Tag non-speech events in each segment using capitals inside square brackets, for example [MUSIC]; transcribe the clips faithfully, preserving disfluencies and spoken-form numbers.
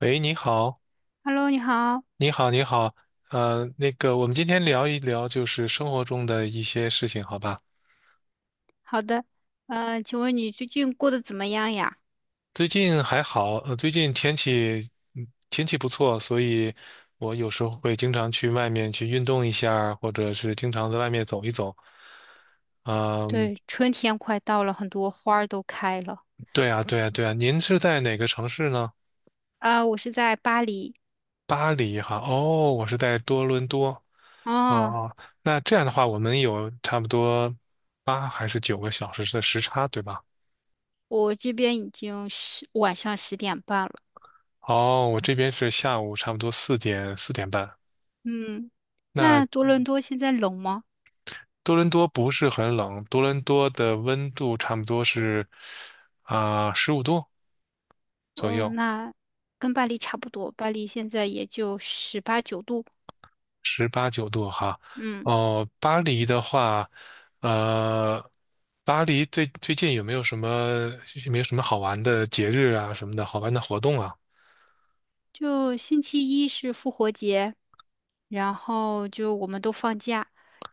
喂，你好，Hello，你好。你好，你好。呃，那个，我们今天聊一聊就是生活中的一些事情，好吧？好的。呃，请问你最近过得怎么样呀？最近还好，呃，最近天气，嗯天气不错，所以我有时候会经常去外面去运动一下儿或者是经常在外面走一走。嗯，对，春天快到了，很多花儿都开了。对啊，对啊，对啊，您是在哪个城市呢？啊、我是在巴黎。巴黎哈，哦，我是在多伦多。哦哦，哦，那这样的话，我们有差不多八还是九个小时的时差，对吧？我这边已经十，晚上十点半了。哦，我这边是下午差不多四点四点半。嗯，那那多伦多现在冷吗？多伦多不是很冷，多伦多的温度差不多是啊十五度左右，嗯，那跟巴黎差不多，巴黎现在也就十八九度。十八九度哈。嗯，哦，巴黎的话，呃，巴黎最最近有没有什么有没有什么好玩的节日啊什么的好玩的活动啊？就星期一是复活节，然后就我们都放假，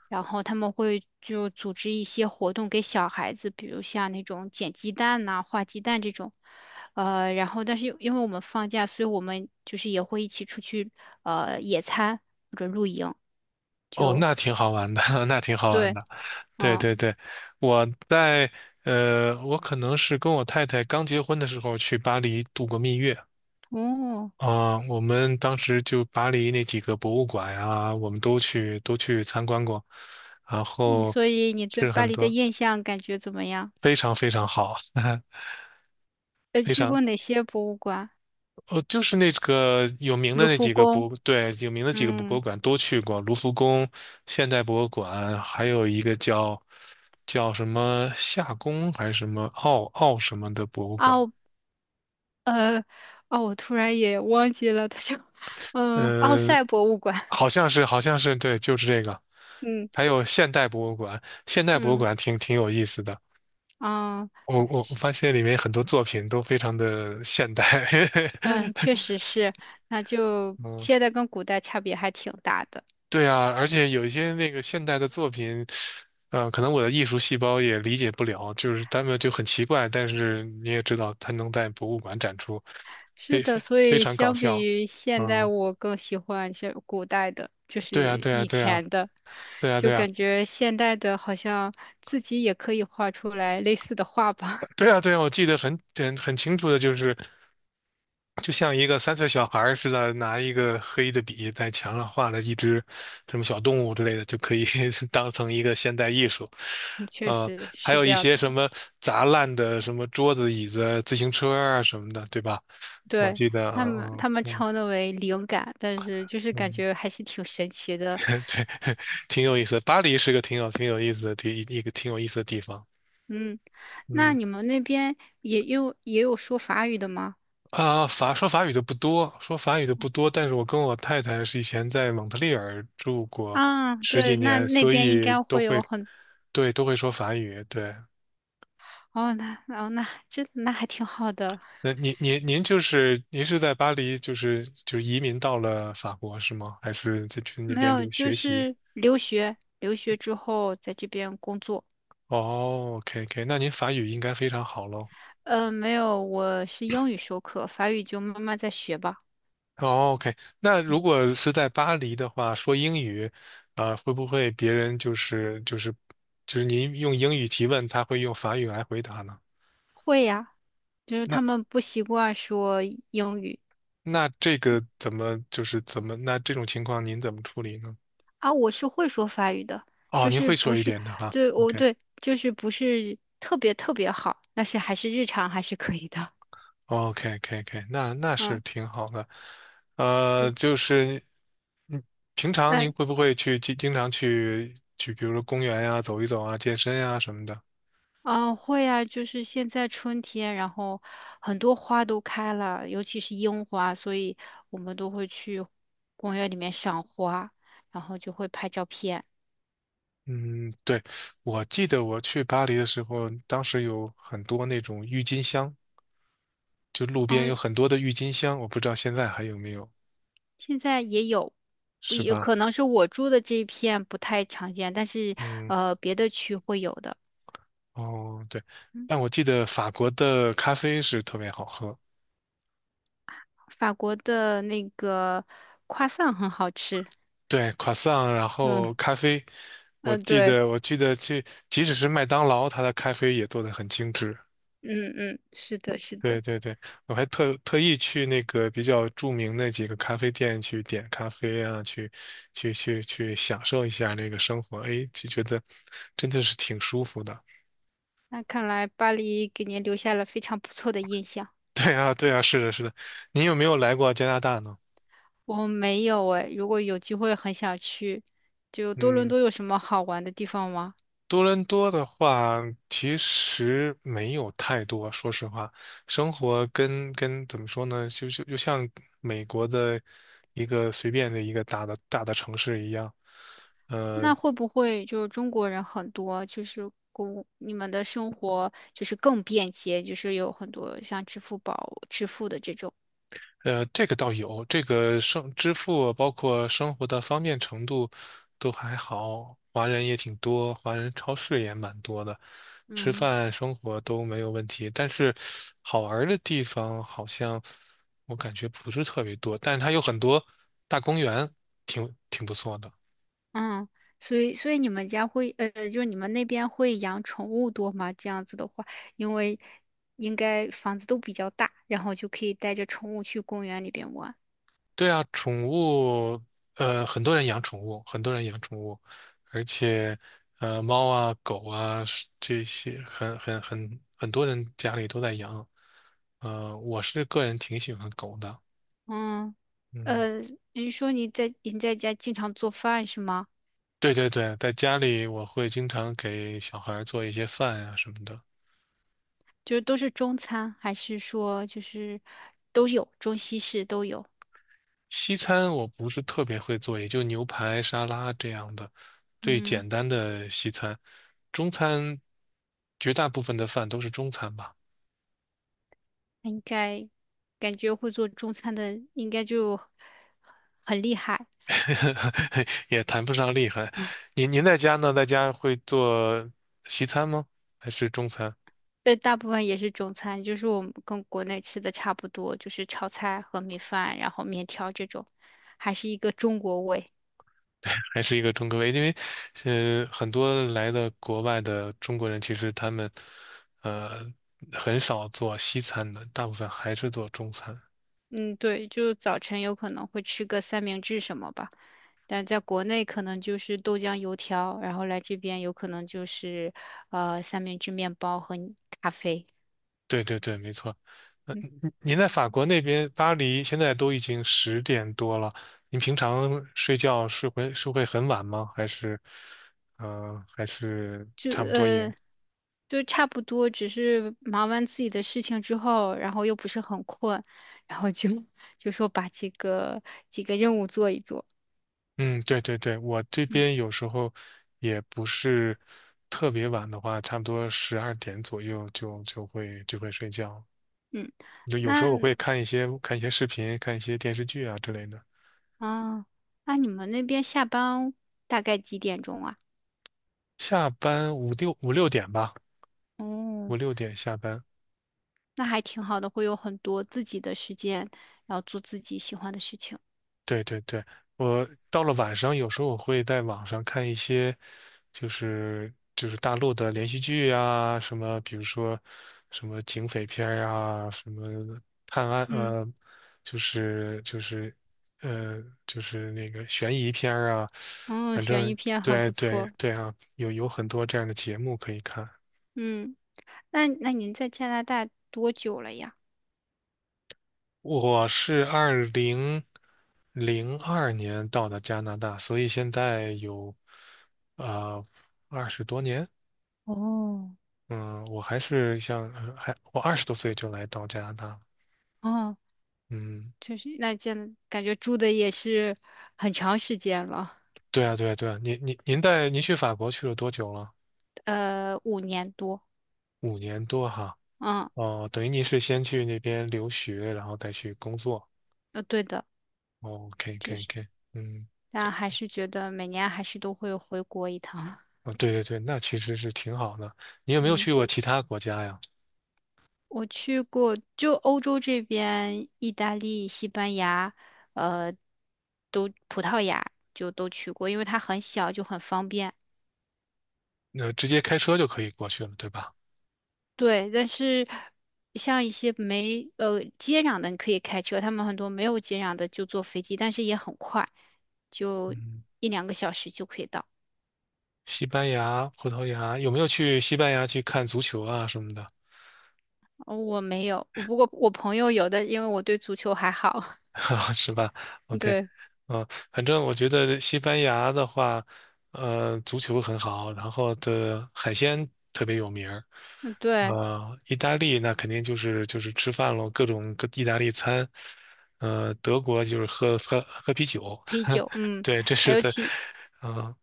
然后他们会就组织一些活动给小孩子，比如像那种捡鸡蛋呐、画鸡蛋这种。呃，然后但是因为我们放假，所以我们就是也会一起出去呃野餐或者露营，哦，就那挺好玩的，[LAUGHS] 那挺好玩对。的。对嗯。对对，我在呃，我可能是跟我太太刚结婚的时候去巴黎度过蜜月哦。啊，我们当时就巴黎那几个博物馆呀，我们都去都去参观过，然嗯后所以你对是巴很黎的多印象感觉怎么样？非常非常好，[LAUGHS] 呃，非去常。过哪些博物馆？哦，就是那个有名的卢那浮几个宫。博，对，有名的几个博物嗯。馆都去过，卢浮宫、现代博物馆，还有一个叫叫什么夏宫还是什么奥奥什么的博物馆，啊。呃，哦，我突然也忘记了，它叫，嗯，奥嗯，赛博物馆。好像是好像是对，就是这个，嗯还有现代博物馆，现代博物嗯馆挺挺有意思的，嗯我我我发现里面很多作品都非常的现代，嗯，确实是，那就 [LAUGHS] 嗯，现在跟古代差别还挺大的。对啊，而且有一些那个现代的作品。嗯，可能我的艺术细胞也理解不了，就是他们就很奇怪，但是你也知道，他能在博物馆展出，是非的，非所非以常搞相比笑。于现代，嗯，我更喜欢是古代的，就对啊，是对啊，以对啊，前的，对啊，就对啊，感觉现代的好像自己也可以画出来类似的画吧。[LAUGHS] 对啊，对啊，我记得很很很清楚的，就是就像一个三岁小孩儿似的，拿一个黑的笔在墙上画了一只什么小动物之类的，就可以 [LAUGHS] 当成一个现代艺术。嗯，确嗯，实还是有这一样些子什的。么砸烂的什么桌子、椅子、自行车啊什么的，对吧？我对，记得，他们嗯他们嗯嗯称的为灵感，但是就是感嗯，觉还是挺神奇 [LAUGHS] 的。对，[LAUGHS] 挺有意思的。巴黎是个挺有挺有意思的地，一个挺有意思的地方。嗯，那嗯你们那边也有也有说法语的吗？啊，法说法语的不多，说法语的不多。但是我跟我太太是以前在蒙特利尔住过啊，十几对，那年，那所边应以该都会有会，很，对，都会说法语。对，哦，那哦那这那还挺好的。那您您您就是您是在巴黎，就是就移民到了法国是吗？还是在去那没边有，留就学习？是留学，留学之后在这边工作。哦，OK OK,那您法语应该非常好喽。嗯，没有，我是英语授课，法语就慢慢再学吧。哦，OK,那如果是在巴黎的话，说英语，啊、会不会别人就是就是就是您用英语提问，他会用法语来回答呢？会呀，就是那他们不习惯说英语。那这个怎么就是怎么那这种情况您怎么处理呢？啊，我是会说法语的。哦，就您是会说不一是，点的哈对，我，OK。对，就是不是特别特别好，但是还是日常还是可以的。[LAUGHS] o k k k 那那是嗯，挺好的。呃，对，就是平常那您会不会去经经常去去，比如说公园呀、走一走啊、健身呀、什么的？啊，会啊，就是现在春天，然后很多花都开了，尤其是樱花，所以我们都会去公园里面赏花，然后就会拍照片。嗯，对，我记得我去巴黎的时候，当时有很多那种郁金香，就路然边后有很多的郁金香，我不知道现在还有没有，现在也有，不是也吧？可能是我住的这一片不太常见，但是嗯，呃，别的区会有的。哦，对，嗯，但我记得法国的咖啡是特别好喝，法国的那个夸 r 很好吃。对，croissant,然嗯后咖啡，我嗯。记对。得我记得去，即使是麦当劳，它的咖啡也做得很精致。嗯嗯，是的，是的。对对对，我还特特意去那个比较著名的几个咖啡店去点咖啡啊，去去去去享受一下那个生活，哎，就觉得真的是挺舒服的。[LAUGHS] 那看来巴黎给您留下了非常不错的印象。对啊，对啊，是的，是的。你有没有来过加拿大呢？我没有诶，如果有机会很想去。就多伦嗯，多有什么好玩的地方吗？多伦多的话，其实没有太多，说实话，生活跟跟怎么说呢，就就就像美国的一个随便的一个大的大的城市一样。呃那会不会就是中国人很多，就是公你们的生活就是更便捷，就是有很多像支付宝支付的这种。呃，这个倒有，这个生支付包括生活的方便程度都还好，华人也挺多，华人超市也蛮多的，吃嗯。饭生活都没有问题。但是好玩儿的地方好像我感觉不是特别多，但是它有很多大公园，挺挺不错的。嗯，所以所以你们家会呃，就是你们那边会养宠物多吗？这样子的话，因为应该房子都比较大，然后就可以带着宠物去公园里边玩。对啊，宠物，呃，很多人养宠物，很多人养宠物，而且，呃，猫啊、狗啊是这些，很很很很多人家里都在养。呃，我是个人挺喜欢狗的。嗯。嗯，呃，你说你在你在家经常做饭是吗？对对对，在家里我会经常给小孩儿做一些饭呀、什么的。就是都是中餐，还是说就是都有中西式都有？西餐我不是特别会做，也就牛排、沙拉这样的最嗯，简单的西餐。中餐绝大部分的饭都是中餐吧。应该感觉会做中餐的应该就很厉害。[LAUGHS] 也谈不上厉害。您您在家呢？在家会做西餐吗？还是中餐？对，大部分也是中餐，就是我们跟国内吃的差不多，就是炒菜、和米饭，然后面条这种，还是一个中国味。还是一个中国胃？因为，呃，很多来的国外的中国人，其实他们，呃，很少做西餐的，大部分还是做中餐。嗯，对，就早晨有可能会吃个三明治什么吧，但在国内可能就是豆浆、油条，然后来这边有可能就是呃三明治、面包和咖啡。对对对，没错。呃，嗯，您您在法国那边，巴黎现在都已经十点多了，您平常睡觉是会是会很晚吗？还是，嗯，还是就差不多也？呃就差不多，只是忙完自己的事情之后，然后又不是很困，然后就 [LAUGHS] 就说把这个几个任务做一做。嗯，对对对，我这边有时候也不是特别晚的话，差不多十二点左右就就会就会睡觉。嗯，就有时那候我会看一些看一些视频，看一些电视剧啊之类的。啊，那你们那边下班大概几点钟啊？下班五六五六点吧，五哦，六点下班。那还挺好的，会有很多自己的时间，然后做自己喜欢的事情。对对对，我到了晚上，有时候我会在网上看一些，就是就是大陆的连续剧啊，什么比如说什么警匪片儿啊，什么探案嗯。呃，就是就是呃就是那个悬疑片儿啊，哦，反悬疑正片很对不对错。对啊，有有很多这样的节目可以看。嗯，那那您在加拿大多久了呀？我是二零零二年到的加拿大，所以现在有啊二十多年。哦。嗯，我还是像还我二十多岁就来到加拿大了。哦，嗯，就是那见感觉住的也是很长时间了。对啊，对啊，对啊。您您您带您去法国去了多久了？呃，五年多。五年多哈。嗯，哦，等于您是先去那边留学，然后再去工作。呃，对的，哦，OK OK OK。嗯，但还是觉得每年还是都会回国一趟。哦，对对对，那其实是挺好的。你有 [LAUGHS] 没有嗯。去过其他国家呀？我去过，就欧洲这边，意大利、西班牙，呃，都葡萄牙就都去过，因为它很小，就很方便。那、直接开车就可以过去了，对吧？对，但是像一些没呃接壤的，你可以开车；他们很多没有接壤的就坐飞机，但是也很快，就嗯，一两个小时就可以到。西班牙、葡萄牙，有没有去西班牙去看足球啊什么的？哦我没有，我不过我朋友有的，因为我对足球还好。[LAUGHS] [LAUGHS] 是吧？OK,对。嗯、反正我觉得西班牙的话，呃，足球很好，然后的海鲜特别有名儿。嗯。对，呃，意大利那肯定就是就是吃饭咯，各种各意大利餐。呃，德国就是喝喝喝啤酒，啤 [LAUGHS] 酒。嗯，对，这还是有的。其嗯、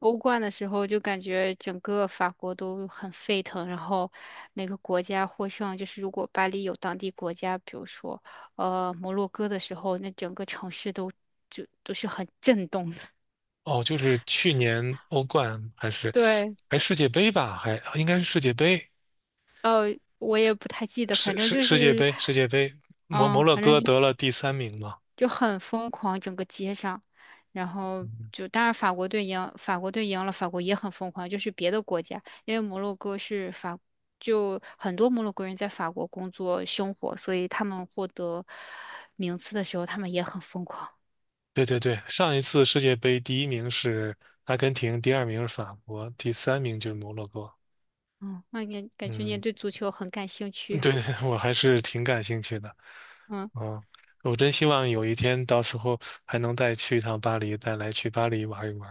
欧冠的时候就感觉整个法国都很沸腾，然后每个国家获胜。就是如果巴黎有当地国家，比如说呃摩洛哥的时候，那整个城市都就都是很震动的。哦，就是去年欧冠还是 [LAUGHS] 对。还世界杯吧，还应该是世界杯，呃，我也不太记得，反世正世就世界是。杯，世界杯，摩摩嗯，洛反正哥就得了第三名嘛。就很疯狂，整个街上，然后就当然法国队赢，法国队赢了，法国也很疯狂，就是别的国家，因为摩洛哥是法，就很多摩洛哥人在法国工作生活，所以他们获得名次的时候，他们也很疯狂。对对对，上一次世界杯第一名是阿根廷，第二名是法国，第三名就是摩洛哥。嗯，那你感觉你也嗯，对足球很感兴趣。对，[LAUGHS] 我还是挺感兴趣的。嗯嗯，我真希望有一天到时候还能再去一趟巴黎，再来去巴黎玩一玩。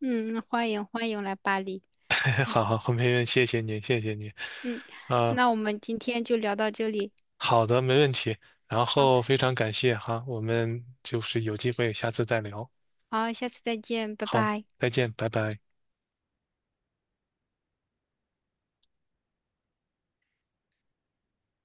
嗯，欢迎欢迎来巴黎。[LAUGHS] 好好，后面谢谢你，谢谢你。嗯，啊，那我们今天就聊到这里。好的，没问题。然好，后非常感谢哈，我们就是有机会下次再聊。好，下次再见，拜好，拜。再见，拜拜。